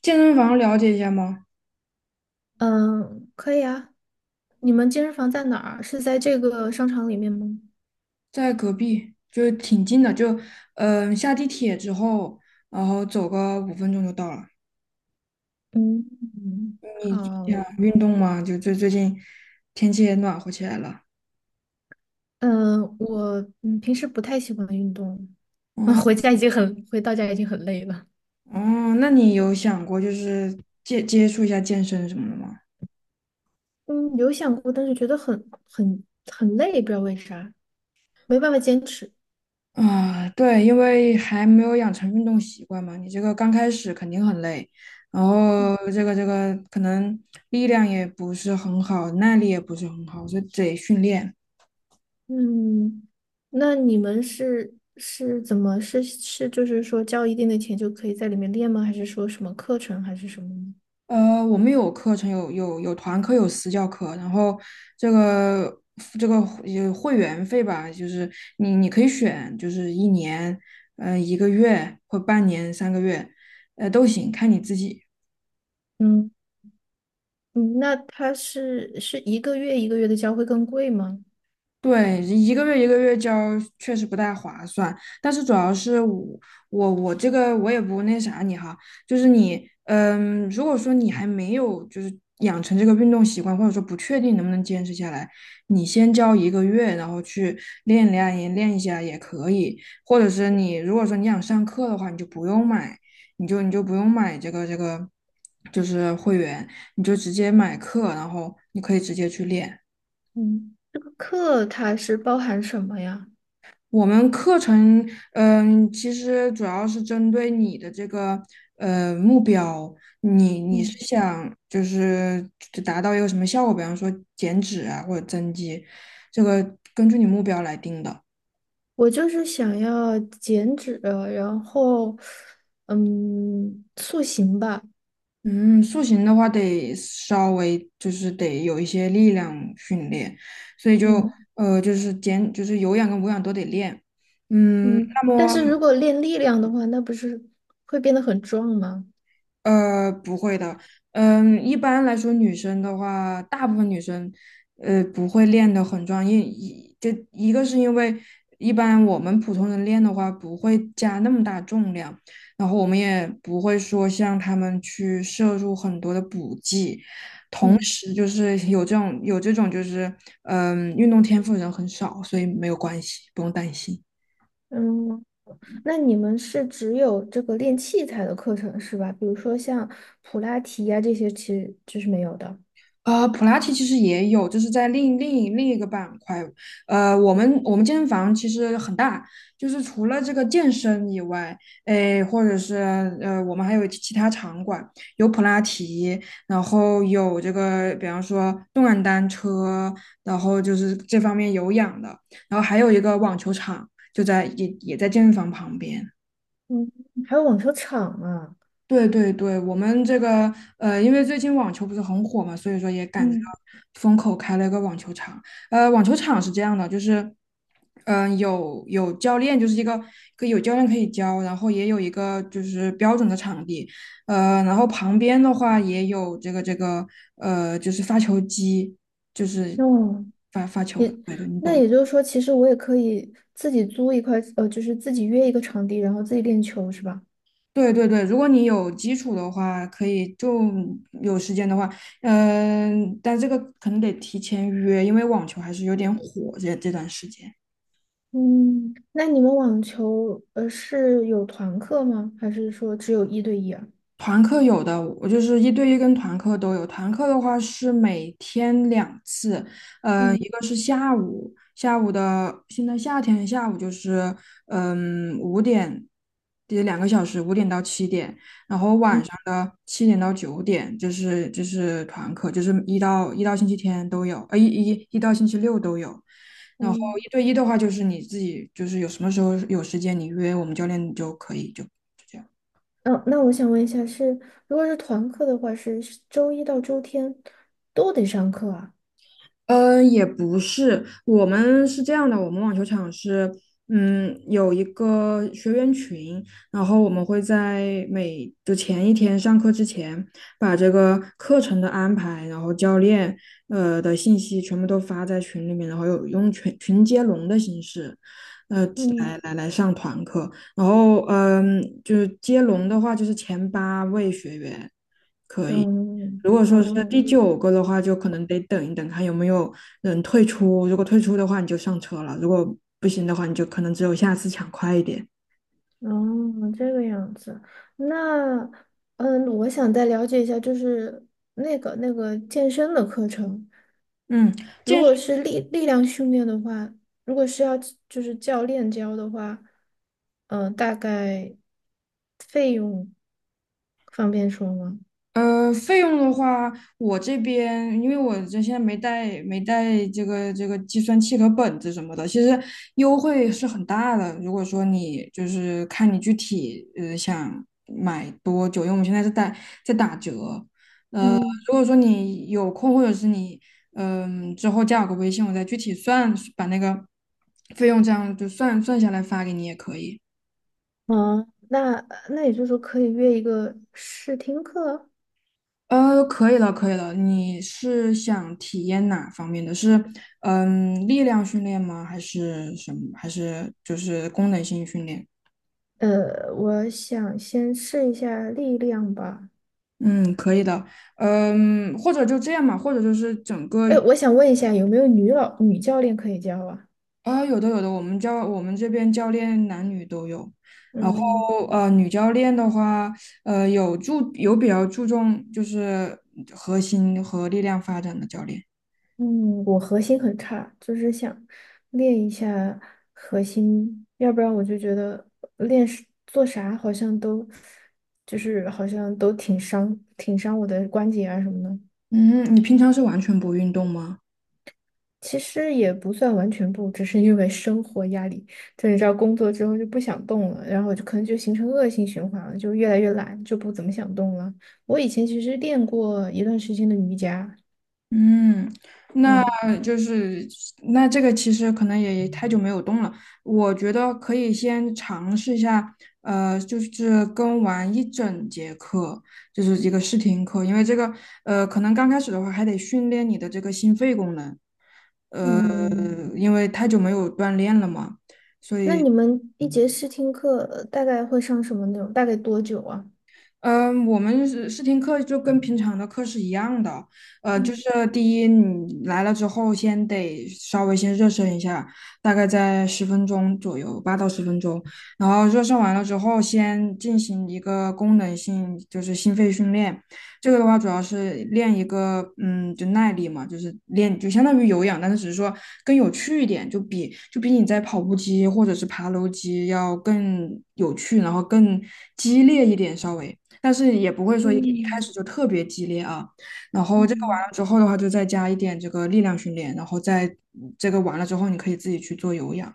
健身房了解一下吗？嗯，可以啊。你们健身房在哪儿？是在这个商场里面吗？在隔壁，就挺近的，就下地铁之后，然后走个5分钟就到了。嗯，嗯好。你想运动吗？就最近天气也暖和起来了。嗯，我平时不太喜欢运动，啊，哦回到家已经很累了。哦，那你有想过就是接触一下健身什么的吗？嗯，有想过，但是觉得很累，不知道为啥，没办法坚持。啊，对，因为还没有养成运动习惯嘛，你这个刚开始肯定很累，然后这个可能力量也不是很好，耐力也不是很好，所以得训练。嗯，那你们是怎么就是说交一定的钱就可以在里面练吗？还是说什么课程还是什么我们有课程，有团课，有私教课，然后这个这个会会员费吧，就是你可以选，就是1年，一个月或半年、3个月，都行，看你自己。嗯。嗯，那它是一个月一个月的交会更贵吗？对，一个月一个月交确实不太划算，但是主要是我这个我也不那啥你哈，就是你如果说你还没有就是养成这个运动习惯，或者说不确定能不能坚持下来，你先交一个月，然后去练练也练一下也可以，或者是你如果说你想上课的话，你就不用买，你就不用买这个就是会员，你就直接买课，然后你可以直接去练。嗯，这个课它是包含什么呀？我们课程，其实主要是针对你的这个目标，你是嗯，想就是达到一个什么效果，比方说减脂啊或者增肌，这个根据你目标来定的。我就是想要减脂，然后塑形吧。嗯，塑形的话得稍微就是得有一些力量训练，所以就嗯就是减就是有氧跟无氧都得练。嗯，那但么是如果练力量的话，那不是会变得很壮吗？不会的。一般来说，女生的话，大部分女生，不会练得很壮，就一个是因为一般我们普通人练的话，不会加那么大重量，然后我们也不会说像他们去摄入很多的补剂，同嗯时就是有这种就是，运动天赋的人很少，所以没有关系，不用担心。嗯，那你们是只有这个练器材的课程是吧？比如说像普拉提呀、这些，其实就是没有的。普拉提其实也有，就是在另一个板块。我们健身房其实很大，就是除了这个健身以外，诶，或者是我们还有其他场馆，有普拉提，然后有这个，比方说动感单车，然后就是这方面有氧的，然后还有一个网球场，就在也在健身房旁边。嗯，还有网球场啊。对对对，我们这个因为最近网球不是很火嘛，所以说也赶着嗯，风口开了一个网球场。网球场是这样的，就是有教练，就是一个可以有教练可以教，然后也有一个就是标准的场地，然后旁边的话也有这个就是发球机，就是哦，发球，对对，你那懂。也就是说，其实我也可以自己租一块，就是自己约一个场地，然后自己练球，是吧？对对对，如果你有基础的话，可以就有时间的话，但这个可能得提前约，因为网球还是有点火这段时间。嗯，那你们网球，是有团课吗？还是说只有一对一啊？团课有的，我就是一对一跟团课都有。团课的话是每天2次，一嗯个是下午，下午的现在夏天下午就是五点，也2个小时，5点到7点，然后晚嗯上的7点到9点，就是团课，就是一到星期天都有，一到星期六都有。然后嗯，一对一的话，就是你自己就是有什么时候有时间你约我们教练就可以。就这样。嗯，那我想问一下是，如果是团课的话，是周一到周天都得上课啊？嗯，也不是，我们是这样的，我们网球场是，有一个学员群，然后我们会在前一天上课之前，把这个课程的安排，然后教练的信息全部都发在群里面，然后有用群接龙的形式，呃，来嗯来来上团课，然后就是接龙的话，就是前8位学员。嗯如果说是第嗯，九个的话，就可能得等一等，看有没有人退出。如果退出的话，你就上车了；如果不行的话，你就可能只有下次抢快一点。哦，这个样子。那，我想再了解一下，就是那个健身的课程，嗯，如健身果是力量训练的话，如果是要就是教练教的话，大概费用方便说吗？费用的话，我这边因为现在没带这个计算器和本子什么的，其实优惠是很大的。如果说你就是看你具体想买多久，因为我们现在是在打折，呃，嗯，如果说你有空，或者是你之后加我个微信，我再具体算，把那个费用这样就算下来发给你也可以。哦，那也就是说可以约一个试听课。可以了，可以了。你是想体验哪方面的？是力量训练吗？还是什么？还是就是功能性训练？我想先试一下力量吧。嗯，可以的。或者就这样嘛，或者就是整个。哎，我想问一下，有没有女老女教练可以教啊？啊，有的有的，我们这边教练男女都有，然后嗯女教练的话，有比较注重就是核心和力量发展的教练。嗯，我核心很差，就是想练一下核心，要不然我就觉得练是做啥好像都就是好像都挺伤我的关节啊什么的。嗯，你平常是完全不运动吗？其实也不算完全不，只是因为生活压力，就你知道工作之后就不想动了，然后就可能就形成恶性循环了，就越来越懒，就不怎么想动了。我以前其实练过一段时间的瑜伽。嗯，那嗯。就是那这个其实可能也太久没有动了，我觉得可以先尝试一下，就是跟完一整节课，就是一个试听课，因为这个可能刚开始的话还得训练你的这个心肺功能，呃，嗯，因为太久没有锻炼了嘛。那你们一节试听课大概会上什么内容？大概多久啊？嗯，我们是试听课就跟平常的课是一样的，就嗯是第一，你来了之后，先得稍微先热身一下，大概在十分钟左右，8到10分钟。然后热身完了之后，先进行一个功能性，就是心肺训练。这个的话，主要是练一个，就耐力嘛，就是练，就相当于有氧，但是只是说更有趣一点，就比你在跑步机或者是爬楼机要更有趣，然后更激烈一点，稍微。但是也不会说一开始嗯就特别激烈啊。然后这个完嗯了之后的话，就再加一点这个力量训练，然后再这个完了之后，你可以自己去做有氧。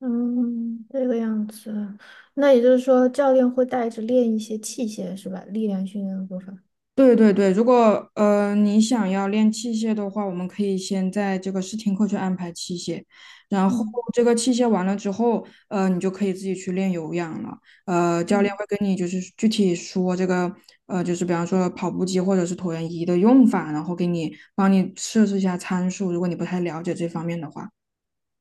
嗯，这个样子。那也就是说，教练会带着练一些器械是吧？力量训练的部分。对对对，如果你想要练器械的话，我们可以先在这个试听课去安排器械，然后嗯这个器械完了之后，你就可以自己去练有氧了。教练嗯会跟你就是具体说这个，就是比方说跑步机或者是椭圆仪的用法，然后帮你设置一下参数，如果你不太了解这方面的话。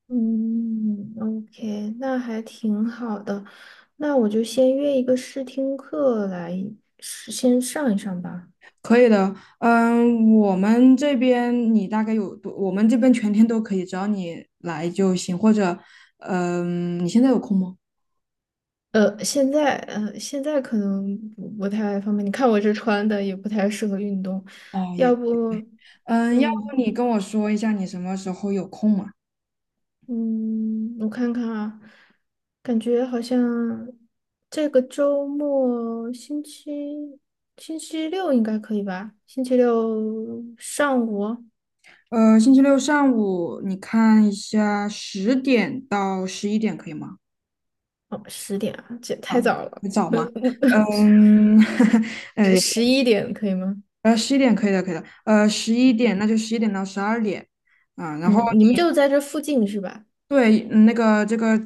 嗯，OK，那还挺好的。那我就先约一个试听课来先上一上吧。可以的，我们这边你大概有多？我们这边全天都可以，只要你来就行。或者，你现在有空吗？现在现在可能不太方便。你看我这穿的也不太适合运动，哦，也要不，对，要不嗯你跟我说一下你什么时候有空嘛？嗯，我看看啊，感觉好像这个周末星期六应该可以吧？星期六上午哦，星期六上午你看一下，10点到11点可以吗？10点啊，这也太早了，很早呃吗？嗯，十呃十一点可以吗？11点可以的，可以的。十一点那就11点到12点啊，然后。嗯，你们就在这附近是吧？对，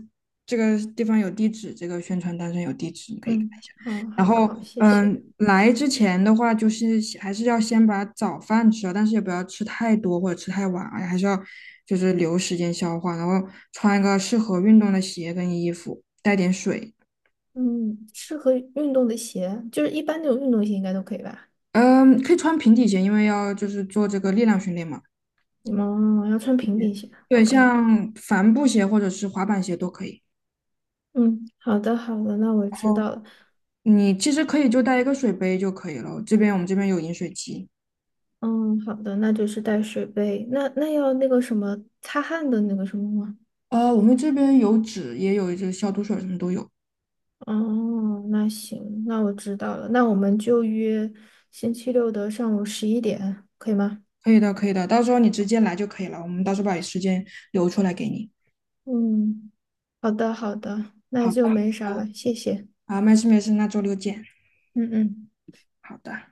这个地方有地址，这个宣传单上有地址，你可以看嗯，一下。好，然好，后，好，谢谢。来之前的话，就是还是要先把早饭吃了，但是也不要吃太多或者吃太晚啊，还是要就是留时间消化。然后穿一个适合运动的鞋跟衣服，带点水。嗯，适合运动的鞋，就是一般那种运动鞋应该都可以吧？嗯，可以穿平底鞋，因为要就是做这个力量训练嘛。嗯，要穿平底鞋。对，OK，像帆布鞋或者是滑板鞋都可以。嗯，好的好的，那我然知后道了。你其实可以就带一个水杯就可以了，我们这边有饮水机。嗯，好的，那就是带水杯。那要那个什么擦汗的那个什么吗？我们这边有纸，也有这个消毒水，什么都有。哦，那行，那我知道了。那我们就约星期六的上午十一点，可以吗？可以的，可以的，到时候你直接来就可以了。我们到时候把时间留出来给你。嗯，好的好的，那好就的，没啥了，谢谢。啊，没事没事，那周六见。嗯嗯。好的。